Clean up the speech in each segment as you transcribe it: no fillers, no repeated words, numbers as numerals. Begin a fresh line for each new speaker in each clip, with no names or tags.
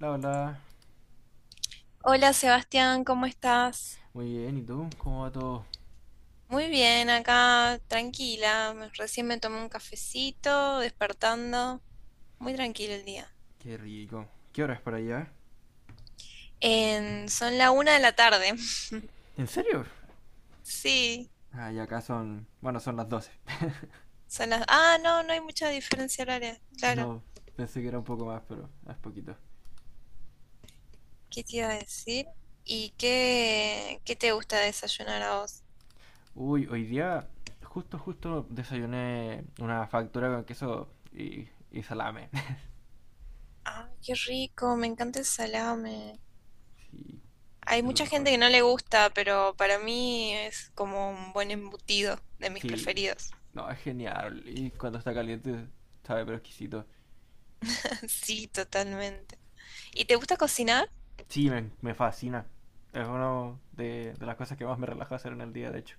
La Hola.
Hola Sebastián, ¿cómo estás?
Muy bien, ¿y tú? ¿Cómo va todo?
Muy bien, acá tranquila. Recién me tomé un cafecito, despertando. Muy tranquilo el día.
Qué rico. ¿Qué hora es por allá?
Son la una de la tarde.
¿En serio?
Sí,
Ah, y acá son. Bueno, son las 12.
son las... Ah, no, no hay mucha diferencia horaria. Claro.
No, pensé que era un poco más, pero es poquito.
¿Qué te iba a decir? Y qué te gusta desayunar a vos?
Uy, hoy día justo desayuné una factura con queso y salame.
Ay, qué rico, me encanta el salame.
Sí,
Hay
es lo
mucha
mejor.
gente que no le gusta, pero para mí es como un buen embutido de mis
Sí,
preferidos.
no, es genial. Y cuando está caliente, sabe, pero exquisito.
Sí, totalmente. ¿Y te gusta cocinar?
Sí, me fascina. Es una de las cosas que más me relaja hacer en el día, de hecho.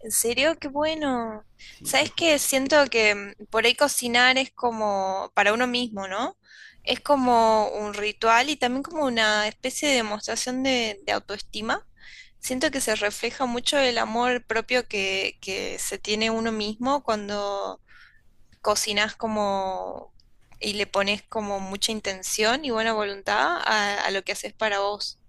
¿En serio? Qué bueno.
Sí, te,
¿Sabes
ju-
qué? Siento que por ahí cocinar es como para uno mismo, ¿no? Es como un ritual y también como una especie de demostración de autoestima. Siento que se refleja mucho el amor propio que se tiene uno mismo cuando cocinas como y le pones como mucha intención y buena voluntad a lo que haces para vos.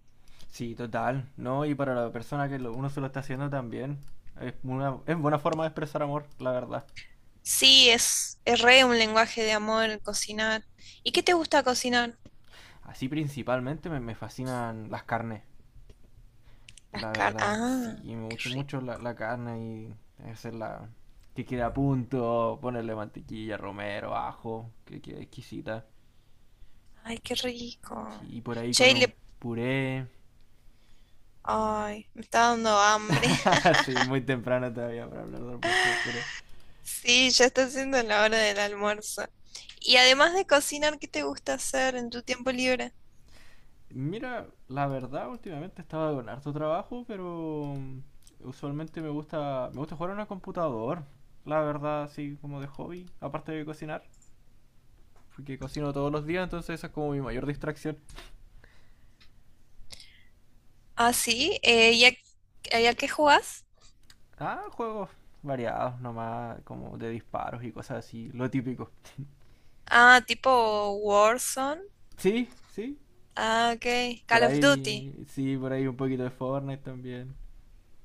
Sí, total, ¿no? Y para la persona uno se lo está haciendo también, es buena forma de expresar amor, la verdad.
Sí, es re un lenguaje de amor el cocinar. ¿Y qué te gusta cocinar?
Así principalmente me fascinan las carnes,
Las
la
carnes.
verdad. Sí,
Ah, qué
mucho,
rico.
mucho la carne y hacerla que quede a punto, ponerle mantequilla, romero, ajo, que quede exquisita.
Ay, qué rico.
Sí, y por ahí
Che,
con
y
un
le-
puré.
Ay, me está dando hambre.
Sí, es muy temprano todavía para hablar de almuerzo, pero
Sí, ya está siendo la hora del almuerzo. Y además de cocinar, ¿qué te gusta hacer en tu tiempo libre?
mira, la verdad, últimamente estaba con harto trabajo, pero usualmente me gusta jugar en el computador. La verdad, así como de hobby, aparte de cocinar, porque cocino todos los días, entonces esa es como mi mayor distracción.
Ah, sí. ¿Y y a qué jugás?
Ah, juegos variados nomás, como de disparos y cosas así, lo típico.
Ah, tipo Warzone.
Sí,
Ah, ok. Call of Duty.
sí, por ahí un poquito de Fortnite también.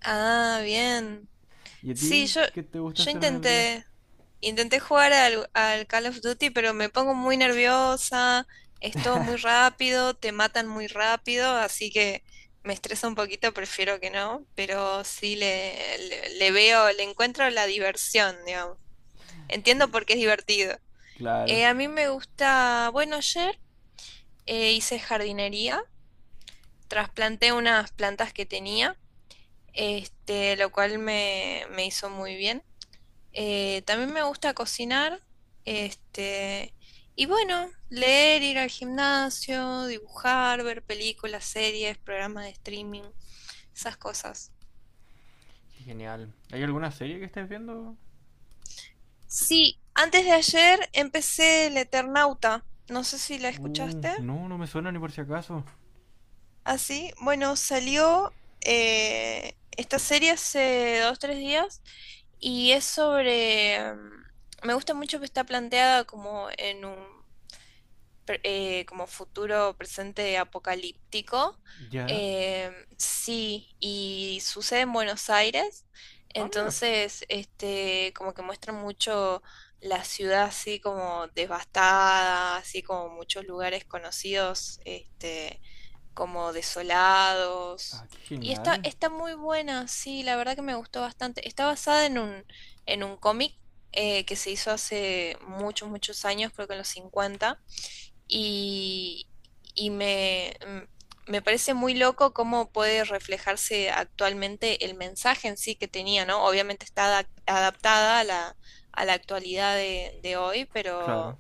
Ah, bien.
¿Y a
Sí,
ti qué te gusta
yo
hacer en el día?
intenté, intenté jugar al Call of Duty, pero me pongo muy nerviosa, es todo muy rápido, te matan muy rápido, así que me estresa un poquito, prefiero que no, pero sí le veo, le encuentro la diversión, digamos. Entiendo
Sí,
por qué es divertido.
claro.
A mí me gusta, bueno, ayer hice jardinería, trasplanté unas plantas que tenía, este, lo cual me hizo muy bien. También me gusta cocinar, este, y bueno, leer, ir al gimnasio, dibujar, ver películas, series, programas de streaming, esas cosas.
Qué genial. ¿Hay alguna serie que estés viendo?
Sí, antes de ayer empecé El Eternauta, no sé si la escuchaste.
No, no me suena ni por si acaso.
Así, bueno, salió esta serie hace dos, tres días y es sobre... Me gusta mucho que está planteada como en un como futuro presente apocalíptico.
¿Ya?
Eh, sí, y sucede en Buenos Aires,
Ah, mira.
entonces este, como que muestra mucho la ciudad así como devastada, así como muchos lugares conocidos, este, como desolados.
Ah, qué
Y está,
genial.
está muy buena, sí, la verdad que me gustó bastante. Está basada en un cómic que se hizo hace muchos, muchos años, creo que en los 50 y, y me parece muy loco cómo puede reflejarse actualmente el mensaje en sí que tenía, ¿no? Obviamente está adaptada a la actualidad de hoy,
Claro.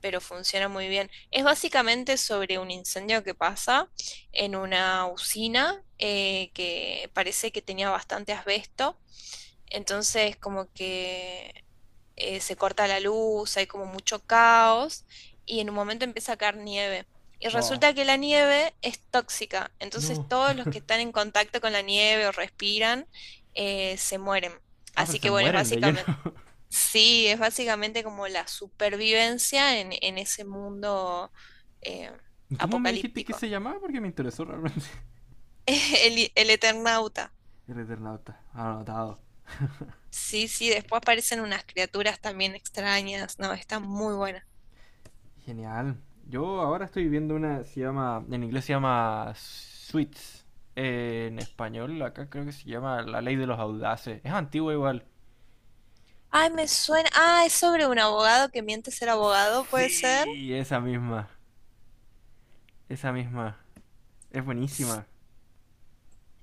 pero funciona muy bien. Es básicamente sobre un incendio que pasa en una usina que parece que tenía bastante asbesto. Entonces, como que se corta la luz, hay como mucho caos y en un momento empieza a caer nieve. Y
Ah,
resulta que la nieve es tóxica, entonces
no.
todos los que están en contacto con la nieve o respiran se mueren.
Ah, pero
Así
se
que bueno, es
mueren de lleno.
básicamente, sí, es básicamente como la supervivencia en ese mundo eh,
¿Cómo me dijiste que
apocalíptico.
se llamaba? Porque me interesó realmente.
El Eternauta.
El Eternauta. Anotado.
Sí, sí, después aparecen unas criaturas también extrañas, no, está muy buena.
Genial. Yo ahora estoy viendo una, se llama, en inglés se llama Sweets. En español acá creo que se llama La Ley de los Audaces. Es antigua igual.
Ay, me suena. Ah, es sobre un abogado que miente ser abogado, ¿puede ser?
Sí, esa misma. Esa misma. Es buenísima.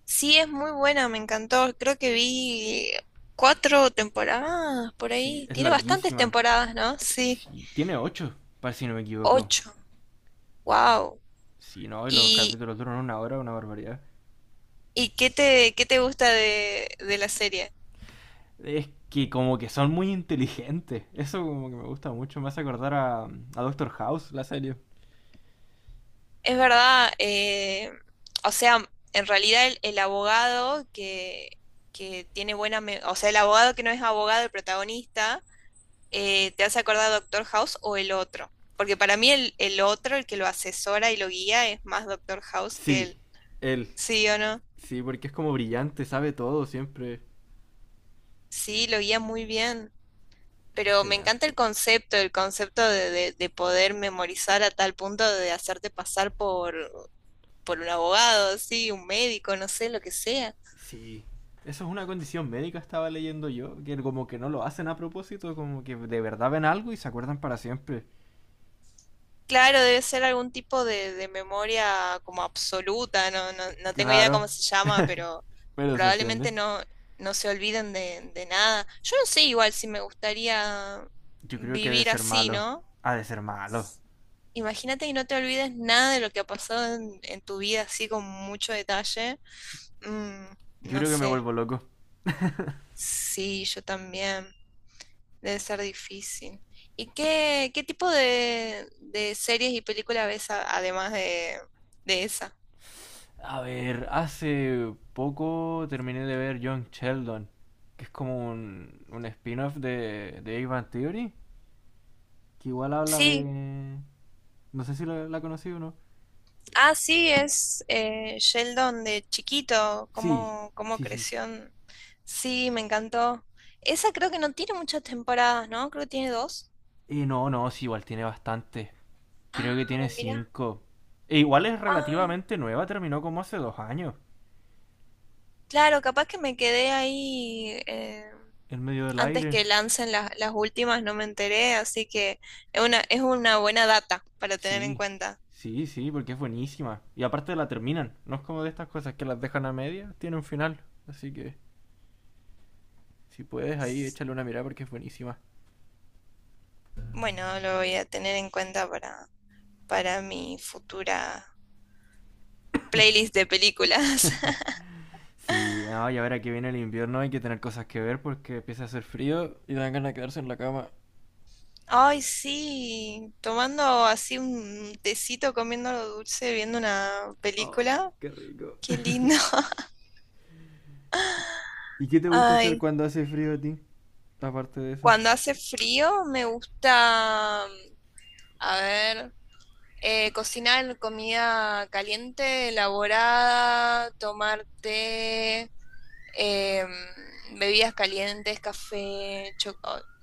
Sí, es muy buena, me encantó. Creo que vi cuatro temporadas por
Sí,
ahí.
es
Tiene bastantes
larguísima.
temporadas, ¿no? Sí,
Sí, tiene ocho, para si no me equivoco.
ocho. Wow.
Sí, no, y los
¿Y,
capítulos duran una hora, una barbaridad.
y qué te gusta de la serie?
Es que como que son muy inteligentes. Eso como que me gusta mucho. Me hace acordar a Doctor House, la serie.
Es verdad, o sea, en realidad el abogado que tiene buena, o sea, el abogado que no es abogado, el protagonista ¿te hace acordar a Doctor House o el otro? Porque para mí el otro, el que lo asesora y lo guía, es más Doctor House que él.
Sí, él.
¿Sí o no?
Sí, porque es como brillante, sabe todo siempre.
Sí, lo guía muy bien.
Es
Pero me
genial.
encanta el concepto de, de poder memorizar a tal punto de hacerte pasar por un abogado, sí, un médico, no sé, lo que sea.
Sí. Eso es una condición médica, estaba leyendo yo, que como que no lo hacen a propósito, como que de verdad ven algo y se acuerdan para siempre.
Claro, debe ser algún tipo de memoria como absoluta, no, no, no tengo idea cómo
Claro,
se llama, pero
pero se entiende.
probablemente no, no se olviden de nada. Yo no sé igual si me gustaría
Yo creo que ha de
vivir
ser
así,
malo.
¿no?
Ha de ser malo.
Imagínate y no te olvides nada de lo que ha pasado en tu vida así con mucho detalle. Mm,
Yo
no
creo que me
sé.
vuelvo loco.
Sí, yo también. Debe ser difícil. Y qué tipo de series y películas ves además de esa?
A ver, hace poco terminé de ver Young Sheldon, que es como un spin-off de Big Bang Theory, que igual habla
Sí,
de. No sé si la conocí o no.
ah, sí, es Sheldon de chiquito,
Sí,
cómo, cómo
sí, sí.
creció. Sí, me encantó. Esa creo que no tiene muchas temporadas, ¿no? Creo que tiene dos.
No, no, sí, igual tiene bastante.
Ah,
Creo que tiene
mira.
cinco. E igual es
Ah,
relativamente nueva, terminó como hace 2 años.
claro, capaz que me quedé ahí
En medio del
antes
aire.
que lancen las últimas, no me enteré, así que es una buena data para tener en
Sí,
cuenta.
sí, sí, porque es buenísima. Y aparte la terminan. No es como de estas cosas que las dejan a media, tiene un final. Así que. Si puedes, ahí échale una mirada porque es buenísima.
Bueno, lo voy a tener en cuenta para mi futura playlist de películas.
Sí, no, y ahora que viene el invierno hay que tener cosas que ver porque empieza a hacer frío. Y dan ganas de quedarse en la cama.
Ay, sí, tomando así un tecito, comiendo algo dulce, viendo una
Oh,
película.
qué rico.
Qué lindo.
¿Y qué te gusta hacer
Ay,
cuando hace frío a ti? Aparte de eso.
cuando hace frío me gusta, a ver, cocinar comida caliente, elaborada, tomar té. eh, Bebidas calientes, café,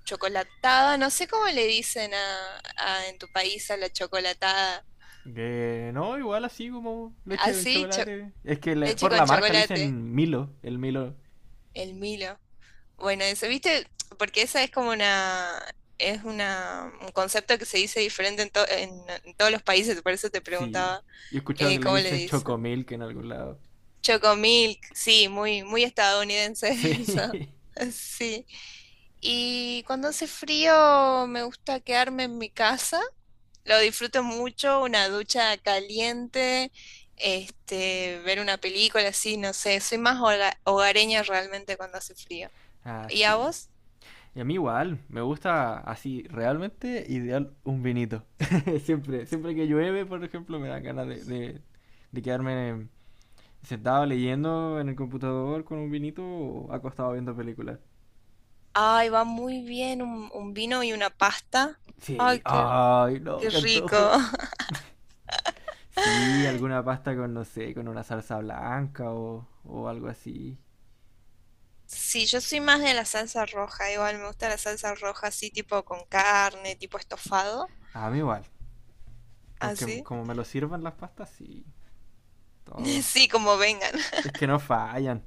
chocolatada, no sé cómo le dicen a, en tu país a la chocolatada,
Que no, igual así como leche con
así,
chocolate. Es que
leche
por
con
la marca le
chocolate,
dicen Milo, el Milo.
el Milo. Bueno, eso, ¿viste? Porque esa es como una, es una, un concepto que se dice diferente en, en todos los países, por eso te
Sí.
preguntaba
Yo he escuchado que le
cómo le
dicen
dicen.
Chocomilk en algún lado.
Chocomilk, sí, muy, muy estadounidense
Sí.
eso. Sí. Y cuando hace frío me gusta quedarme en mi casa, lo disfruto mucho, una ducha caliente, este, ver una película así, no sé, soy más hogareña realmente cuando hace frío.
Ah,
¿Y a
sí.
vos?
Y a mí igual, me gusta así, realmente ideal un vinito. Siempre, siempre que llueve, por ejemplo, me dan ganas de quedarme sentado leyendo en el computador con un vinito o acostado viendo películas.
Ay, va muy bien un vino y una pasta.
Sí,
Ay, qué,
ay, no,
qué
qué
rico.
antojo. Sí, alguna pasta con, no sé, con una salsa blanca o algo así.
Sí, yo soy más de la salsa roja, igual me gusta la salsa roja así tipo con carne, tipo estofado,
A mí igual, con que
así.
como me lo sirvan las pastas, sí, todo.
Sí, como vengan.
Es que no fallan.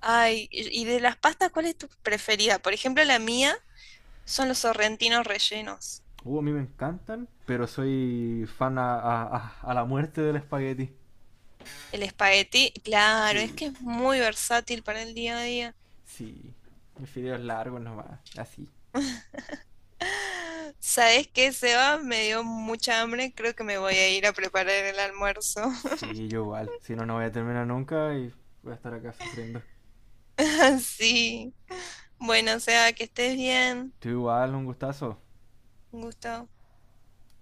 Ay, y de las pastas, ¿cuál es tu preferida? Por ejemplo, la mía son los sorrentinos rellenos.
A mí me encantan, pero soy fan a la muerte del espagueti.
El espagueti, claro, es
Sí,
que es muy versátil para el día a día.
sí. Mis fideos largos nomás, así.
¿Sabes qué, Seba? Me dio mucha hambre, creo que me voy a ir a preparar el almuerzo.
Sí, yo igual. Si no, no voy a terminar nunca y voy a estar acá sufriendo.
Sí. Bueno, Seba, que estés bien.
Tú igual, un gustazo.
Un gusto.